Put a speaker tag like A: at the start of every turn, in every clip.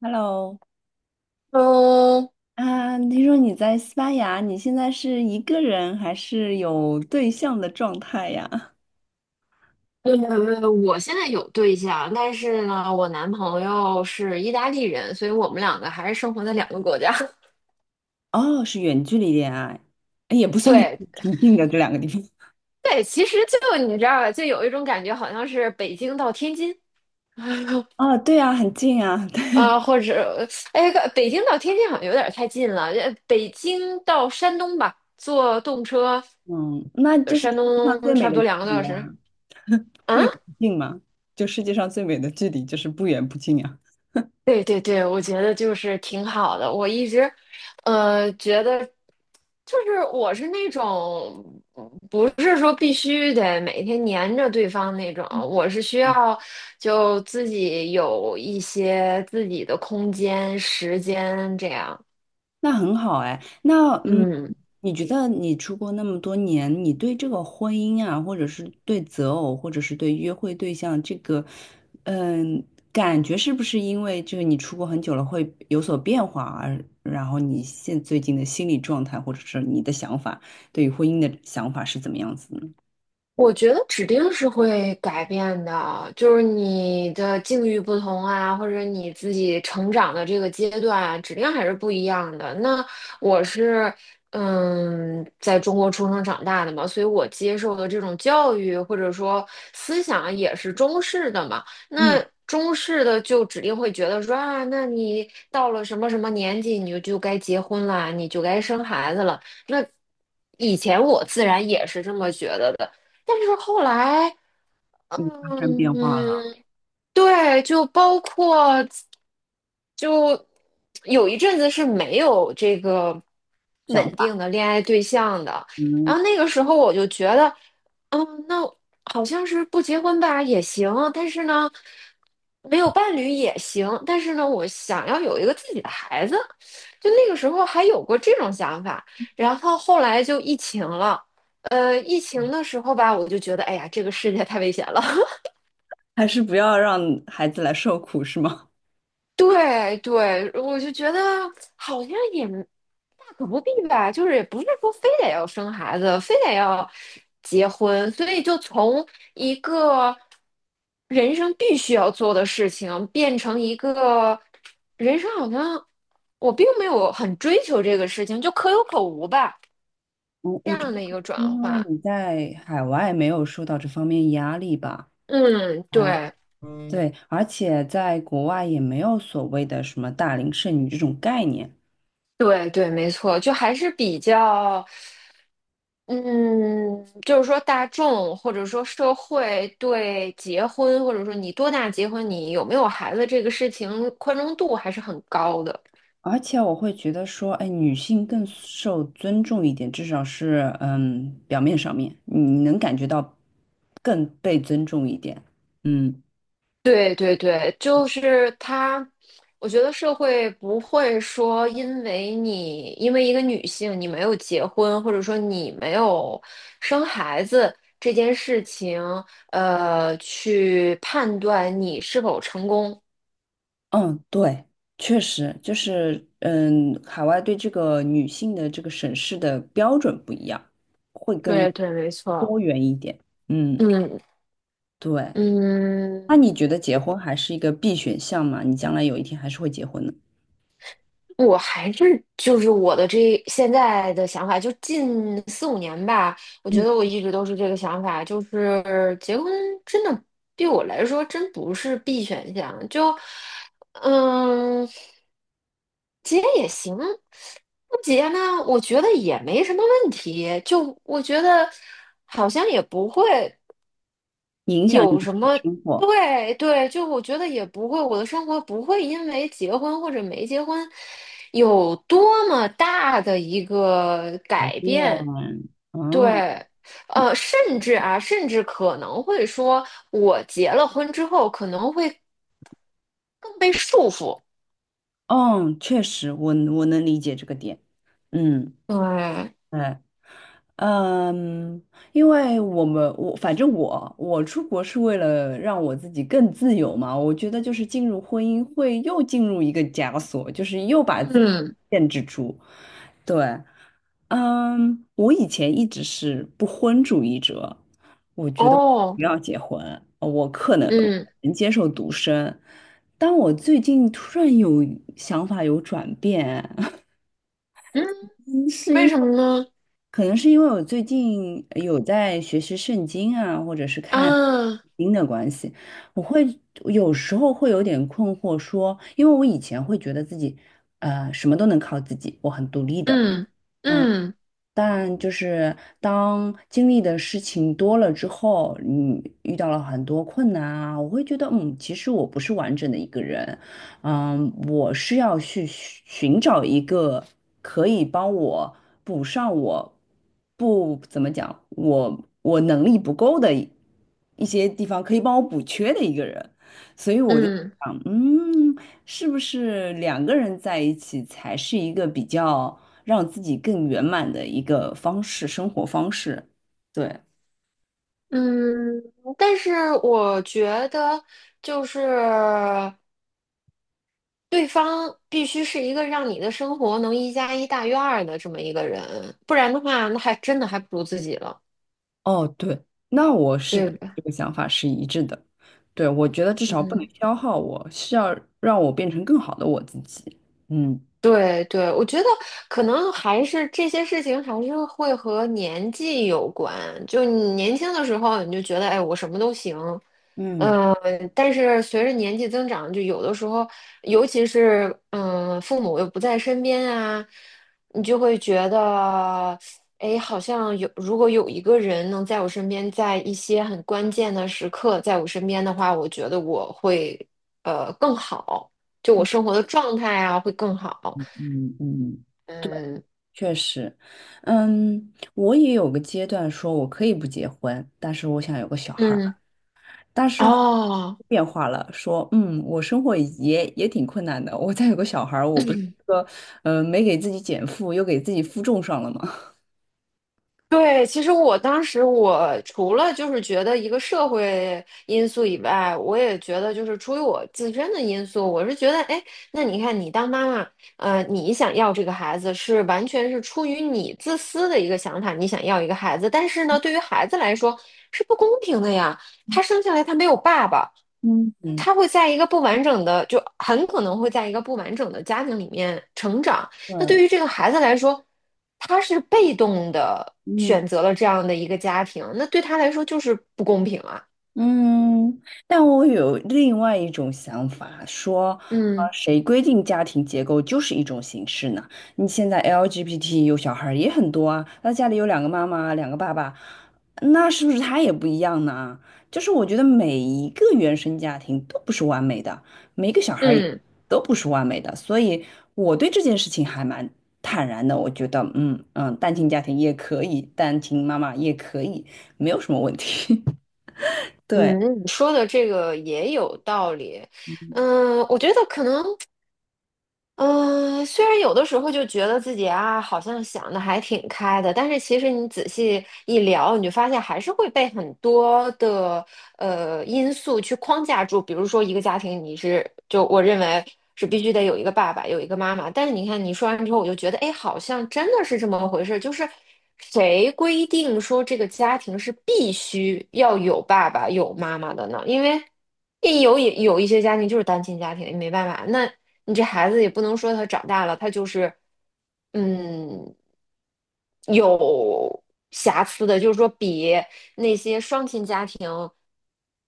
A: Hello，
B: 嗯。
A: 听说你在西班牙，你现在是一个人还是有对象的状态呀？
B: 呃，我现在有对象，但是呢，我男朋友是意大利人，所以我们两个还是生活在两个国家。
A: 哦，是远距离恋爱，哎也不 算 远
B: 对，
A: 距离，挺近的这两个地方。
B: 对，其实就你知道吧，就有一种感觉，好像是北京到天津，
A: 哦，对啊，很近啊，对，
B: 啊，或者，哎，北京到天津好像有点太近了，北京到山东吧，坐动车，
A: 嗯，那就是
B: 山
A: 世界上最
B: 东
A: 美
B: 差不
A: 的
B: 多
A: 距
B: 两个多小
A: 离
B: 时。
A: 啊。不
B: 啊。
A: 远不近嘛，就世界上最美的距离就是不远不近呀。
B: 对对对，我觉得就是挺好的。我一直，觉得就是我是那种不是说必须得每天黏着对方那种，我是需要就自己有一些自己的空间、时间这样。
A: 那很好哎，那嗯，
B: 嗯。
A: 你觉得你出国那么多年，你对这个婚姻啊，或者是对择偶，或者是对约会对象这个，嗯，感觉是不是因为就是你出国很久了会有所变化而，然后你现最近的心理状态，或者是你的想法，对于婚姻的想法是怎么样子呢？
B: 我觉得指定是会改变的，就是你的境遇不同啊，或者你自己成长的这个阶段啊，指定还是不一样的。那我是，在中国出生长大的嘛，所以我接受的这种教育或者说思想也是中式的嘛。那
A: 嗯，
B: 中式的就指定会觉得说啊，那你到了什么什么年纪，你就就该结婚啦，你就该生孩子了。那以前我自然也是这么觉得的。但是后来，
A: 你发生变化了，
B: 嗯，对，就包括就有一阵子是没有这个
A: 想
B: 稳定
A: 法，
B: 的恋爱对象的，然
A: 嗯，
B: 后那个时候我就觉得，那好像是不结婚吧也行，但是呢，没有伴侣也行，但是呢，我想要有一个自己的孩子，就那个时候还有过这种想法，然后后来就疫情了，疫情的时候吧，我就觉得，哎呀，这个世界太危险了。
A: 还是不要让孩子来受苦，是吗？
B: 对对，我就觉得好像也大可不必吧，就是也不是说非得要生孩子，非得要结婚，所以就从一个人生必须要做的事情，变成一个人生好像我并没有很追求这个事情，就可有可无吧，
A: 我
B: 这
A: 我觉
B: 样
A: 得
B: 的一
A: 还
B: 个
A: 是
B: 转
A: 因为
B: 换。
A: 你在海外没有受到这方面压力吧。
B: 嗯，
A: 哎，
B: 对，
A: 对，而且在国外也没有所谓的什么大龄剩女这种概念，
B: 对对，没错，就还是比较，嗯，就是说大众或者说社会对结婚，或者说你多大结婚，你有没有孩子这个事情宽容度还是很高的。
A: 而且我会觉得说，哎，女性更受尊重一点，至少是嗯，表面上面你能感觉到更被尊重一点。嗯
B: 对对对，就是他，我觉得社会不会说因为一个女性你没有结婚，或者说你没有生孩子这件事情，去判断你是否成功。
A: 嗯，对，确实就是嗯，海外对这个女性的这个审视的标准不一样。
B: 对对，没错。
A: 嗯，
B: 嗯
A: 对。
B: 嗯，
A: 那你觉得结婚还是一个必选项吗？你将来有一天还是会结婚的，
B: 我还是就是我的这现在的想法，就近四五年吧，我觉
A: 嗯，
B: 得我一直都是这个想法，就是结婚真的对我来说真不是 B 选项，就嗯，结也行，不结呢，我觉得也没什么问题，就我觉得好像也不会。
A: 影响你
B: 有
A: 的
B: 什么？
A: 生活
B: 对对，就我觉得也不会，我的生活不会因为结婚或者没结婚有多么大的一个
A: 改
B: 改
A: 变。
B: 变。
A: 嗯，
B: 对，甚至可能会说，我结了婚之后可能会更被束缚。
A: 哦，确实，我能理解这个点。嗯，
B: 对，
A: 对，嗯，因为我反正我出国是为了让我自己更自由嘛。我觉得就是进入婚姻会又进入一个枷锁，就是又把自己
B: 嗯，
A: 限制住。对。嗯，我以前一直是不婚主义者，我觉得
B: 哦，
A: 不要结婚，我可能
B: 嗯
A: 能接受独身，但我最近突然有想法有转变，
B: 嗯，
A: 嗯是因
B: 为
A: 为
B: 什么呢？
A: 可能是因为我最近有在学习圣经啊，或者是看
B: 啊，
A: 经的关系，我会有时候会有点困惑说，因为我以前会觉得自己什么都能靠自己，我很独立的。
B: 嗯嗯
A: 但就是当经历的事情多了之后，你遇到了很多困难啊，我会觉得，嗯，其实我不是完整的一个人，嗯，我是要去寻找一个可以帮我补上我不怎么讲，我能力不够的一些地方，可以帮我补缺的一个人，所以我就
B: 嗯。
A: 想，嗯，是不是两个人在一起才是一个比较。让自己更圆满的一个方式，生活方式。对，
B: 嗯，但是我觉得，就是对方必须是一个让你的生活能一加一大于二的这么一个人，不然的话，那还真的还不如自己了，
A: 哦，对，那我是
B: 对
A: 跟
B: 吧？
A: 这个想法是一致的。对，我觉得至少不能
B: 嗯，
A: 消耗我，是要让我变成更好的我自己。嗯，
B: 对对，我觉得可能还是这些事情还是会和年纪有关。就你年轻的时候，你就觉得，哎，我什么都行，
A: 嗯
B: 嗯，但是随着年纪增长，就有的时候，尤其是父母又不在身边啊，你就会觉得，哎，好像有，如果有一个人能在我身边，在一些很关键的时刻在我身边的话，我觉得我会更好，就我生活的状态啊会更好。
A: 嗯嗯，
B: 嗯
A: 确实，嗯，我也有个阶段说我可以不结婚，但是我想有个小孩儿。
B: 嗯，
A: 但是后
B: 哦，
A: 变化了，说嗯，我生活也挺困难的，我再有个小孩儿，我不是说没给自己减负，又给自己负重上了吗？
B: 对，其实我当时除了就是觉得一个社会因素以外，我也觉得就是出于我自身的因素，我是觉得，哎，那你看你当妈妈，你想要这个孩子是完全是出于你自私的一个想法，你想要一个孩子，但是呢，对于孩子来说是不公平的呀，他生下来他没有爸爸，
A: 嗯嗯，
B: 他会在一个不完整的，就很可能会在一个不完整的家庭里面成长。
A: 对，
B: 那对于这个孩子来说，他是被动的选择了这样的一个家庭，那对他来说就是不公平啊。
A: 嗯，但我有另外一种想法，说，
B: 嗯
A: 谁规定家庭结构就是一种形式呢？你现在 LGBT 有小孩儿也很多啊，那家里有两个妈妈，两个爸爸，那是不是他也不一样呢？就是我觉得每一个原生家庭都不是完美的，每一个小孩儿也
B: 嗯
A: 都不是完美的，所以我对这件事情还蛮坦然的。我觉得，嗯嗯，单亲家庭也可以，单亲妈妈也可以，没有什么问题。对。
B: 嗯，你说的这个也有道理。嗯，我觉得可能，嗯，虽然有的时候就觉得自己啊，好像想的还挺开的，但是其实你仔细一聊，你就发现还是会被很多的因素去框架住，比如说一个家庭，你是就我认为是必须得有一个爸爸，有一个妈妈。但是你看你说完之后，我就觉得，哎，好像真的是这么回事，就是谁规定说这个家庭是必须要有爸爸有妈妈的呢？因为也有一些家庭就是单亲家庭，没办法，那你这孩子也不能说他长大了，他就是嗯有瑕疵的，就是说比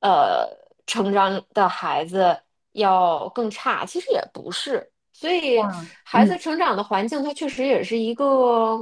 B: 呃成长的孩子要更差，其实也不是。所以
A: 哇，
B: 孩子
A: 嗯，
B: 成长的环境，它确实也是一个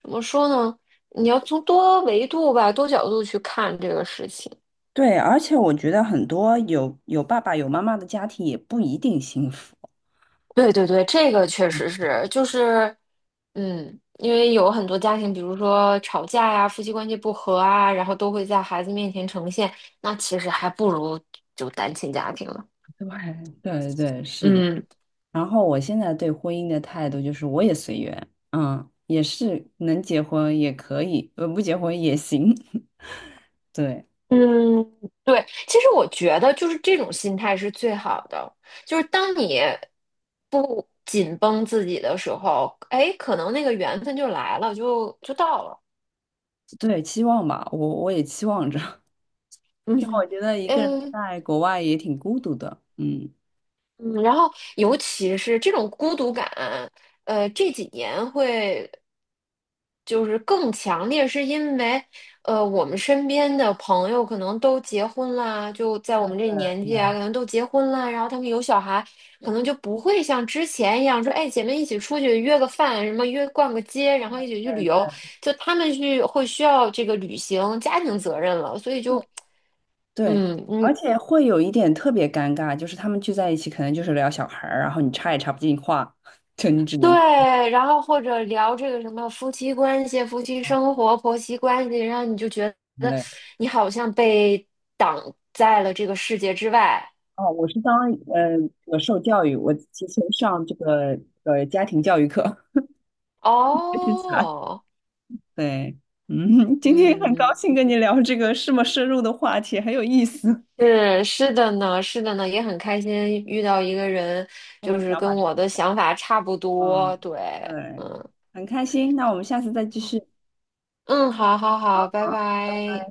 B: 怎么说呢？你要从多维度吧、多角度去看这个事情。
A: 对，而且我觉得很多有爸爸有妈妈的家庭也不一定幸福。
B: 对对对，这个确实是，就是，因为有很多家庭，比如说吵架呀、夫妻关系不和啊，然后都会在孩子面前呈现，那其实还不如就单亲家庭了。
A: 对对对，是的，
B: 嗯。
A: 然后我现在对婚姻的态度就是，我也随缘，嗯，也是能结婚也可以，不结婚也行。对
B: 嗯，对，其实我觉得就是这种心态是最好的，就是当你不紧绷自己的时候，哎，可能那个缘分就来了，就到了。
A: 对，期望吧，我也期望着，
B: 嗯
A: 因为我觉得一个人
B: 嗯
A: 在国外也挺孤独的，嗯，
B: 嗯，然后尤其是这种孤独感，这几年会就是更强烈，是因为我们身边的朋友可能都结婚啦，就在我们这年纪啊，可能都结婚啦，然后他们有小孩，可能就不会像之前一样说，哎，姐妹一起出去约个饭，什么约逛个街，然后一起去旅游，就他们去会需要这个履行家庭责任了，所以
A: 对，
B: 就。
A: 对，而
B: 嗯，
A: 且会有一点特别尴尬，就是他们聚在一起，可能就是聊小孩儿，然后你插也插不进话，就你只能。
B: 对，然后或者聊这个什么夫妻关系、夫妻生活、婆媳关系，然后你就觉
A: 现
B: 得
A: 在
B: 你好像被挡在了这个世界之外。
A: 哦，我是当呃，我受教育，我提前上这个家庭教育课，学习起来。
B: 哦，
A: 对，嗯，今天很高
B: 嗯，
A: 兴跟你聊这个这么深入的话题，很有意思。
B: 是的呢，是的呢，也很开心遇到一个人，
A: 我
B: 就
A: 们的
B: 是
A: 想法
B: 跟
A: 差
B: 我的
A: 不
B: 想法差不
A: 多，
B: 多。
A: 嗯，
B: 对，
A: 对，
B: 嗯
A: 很开心。那我们下次再继续。
B: 嗯，好好好，拜
A: 好
B: 拜。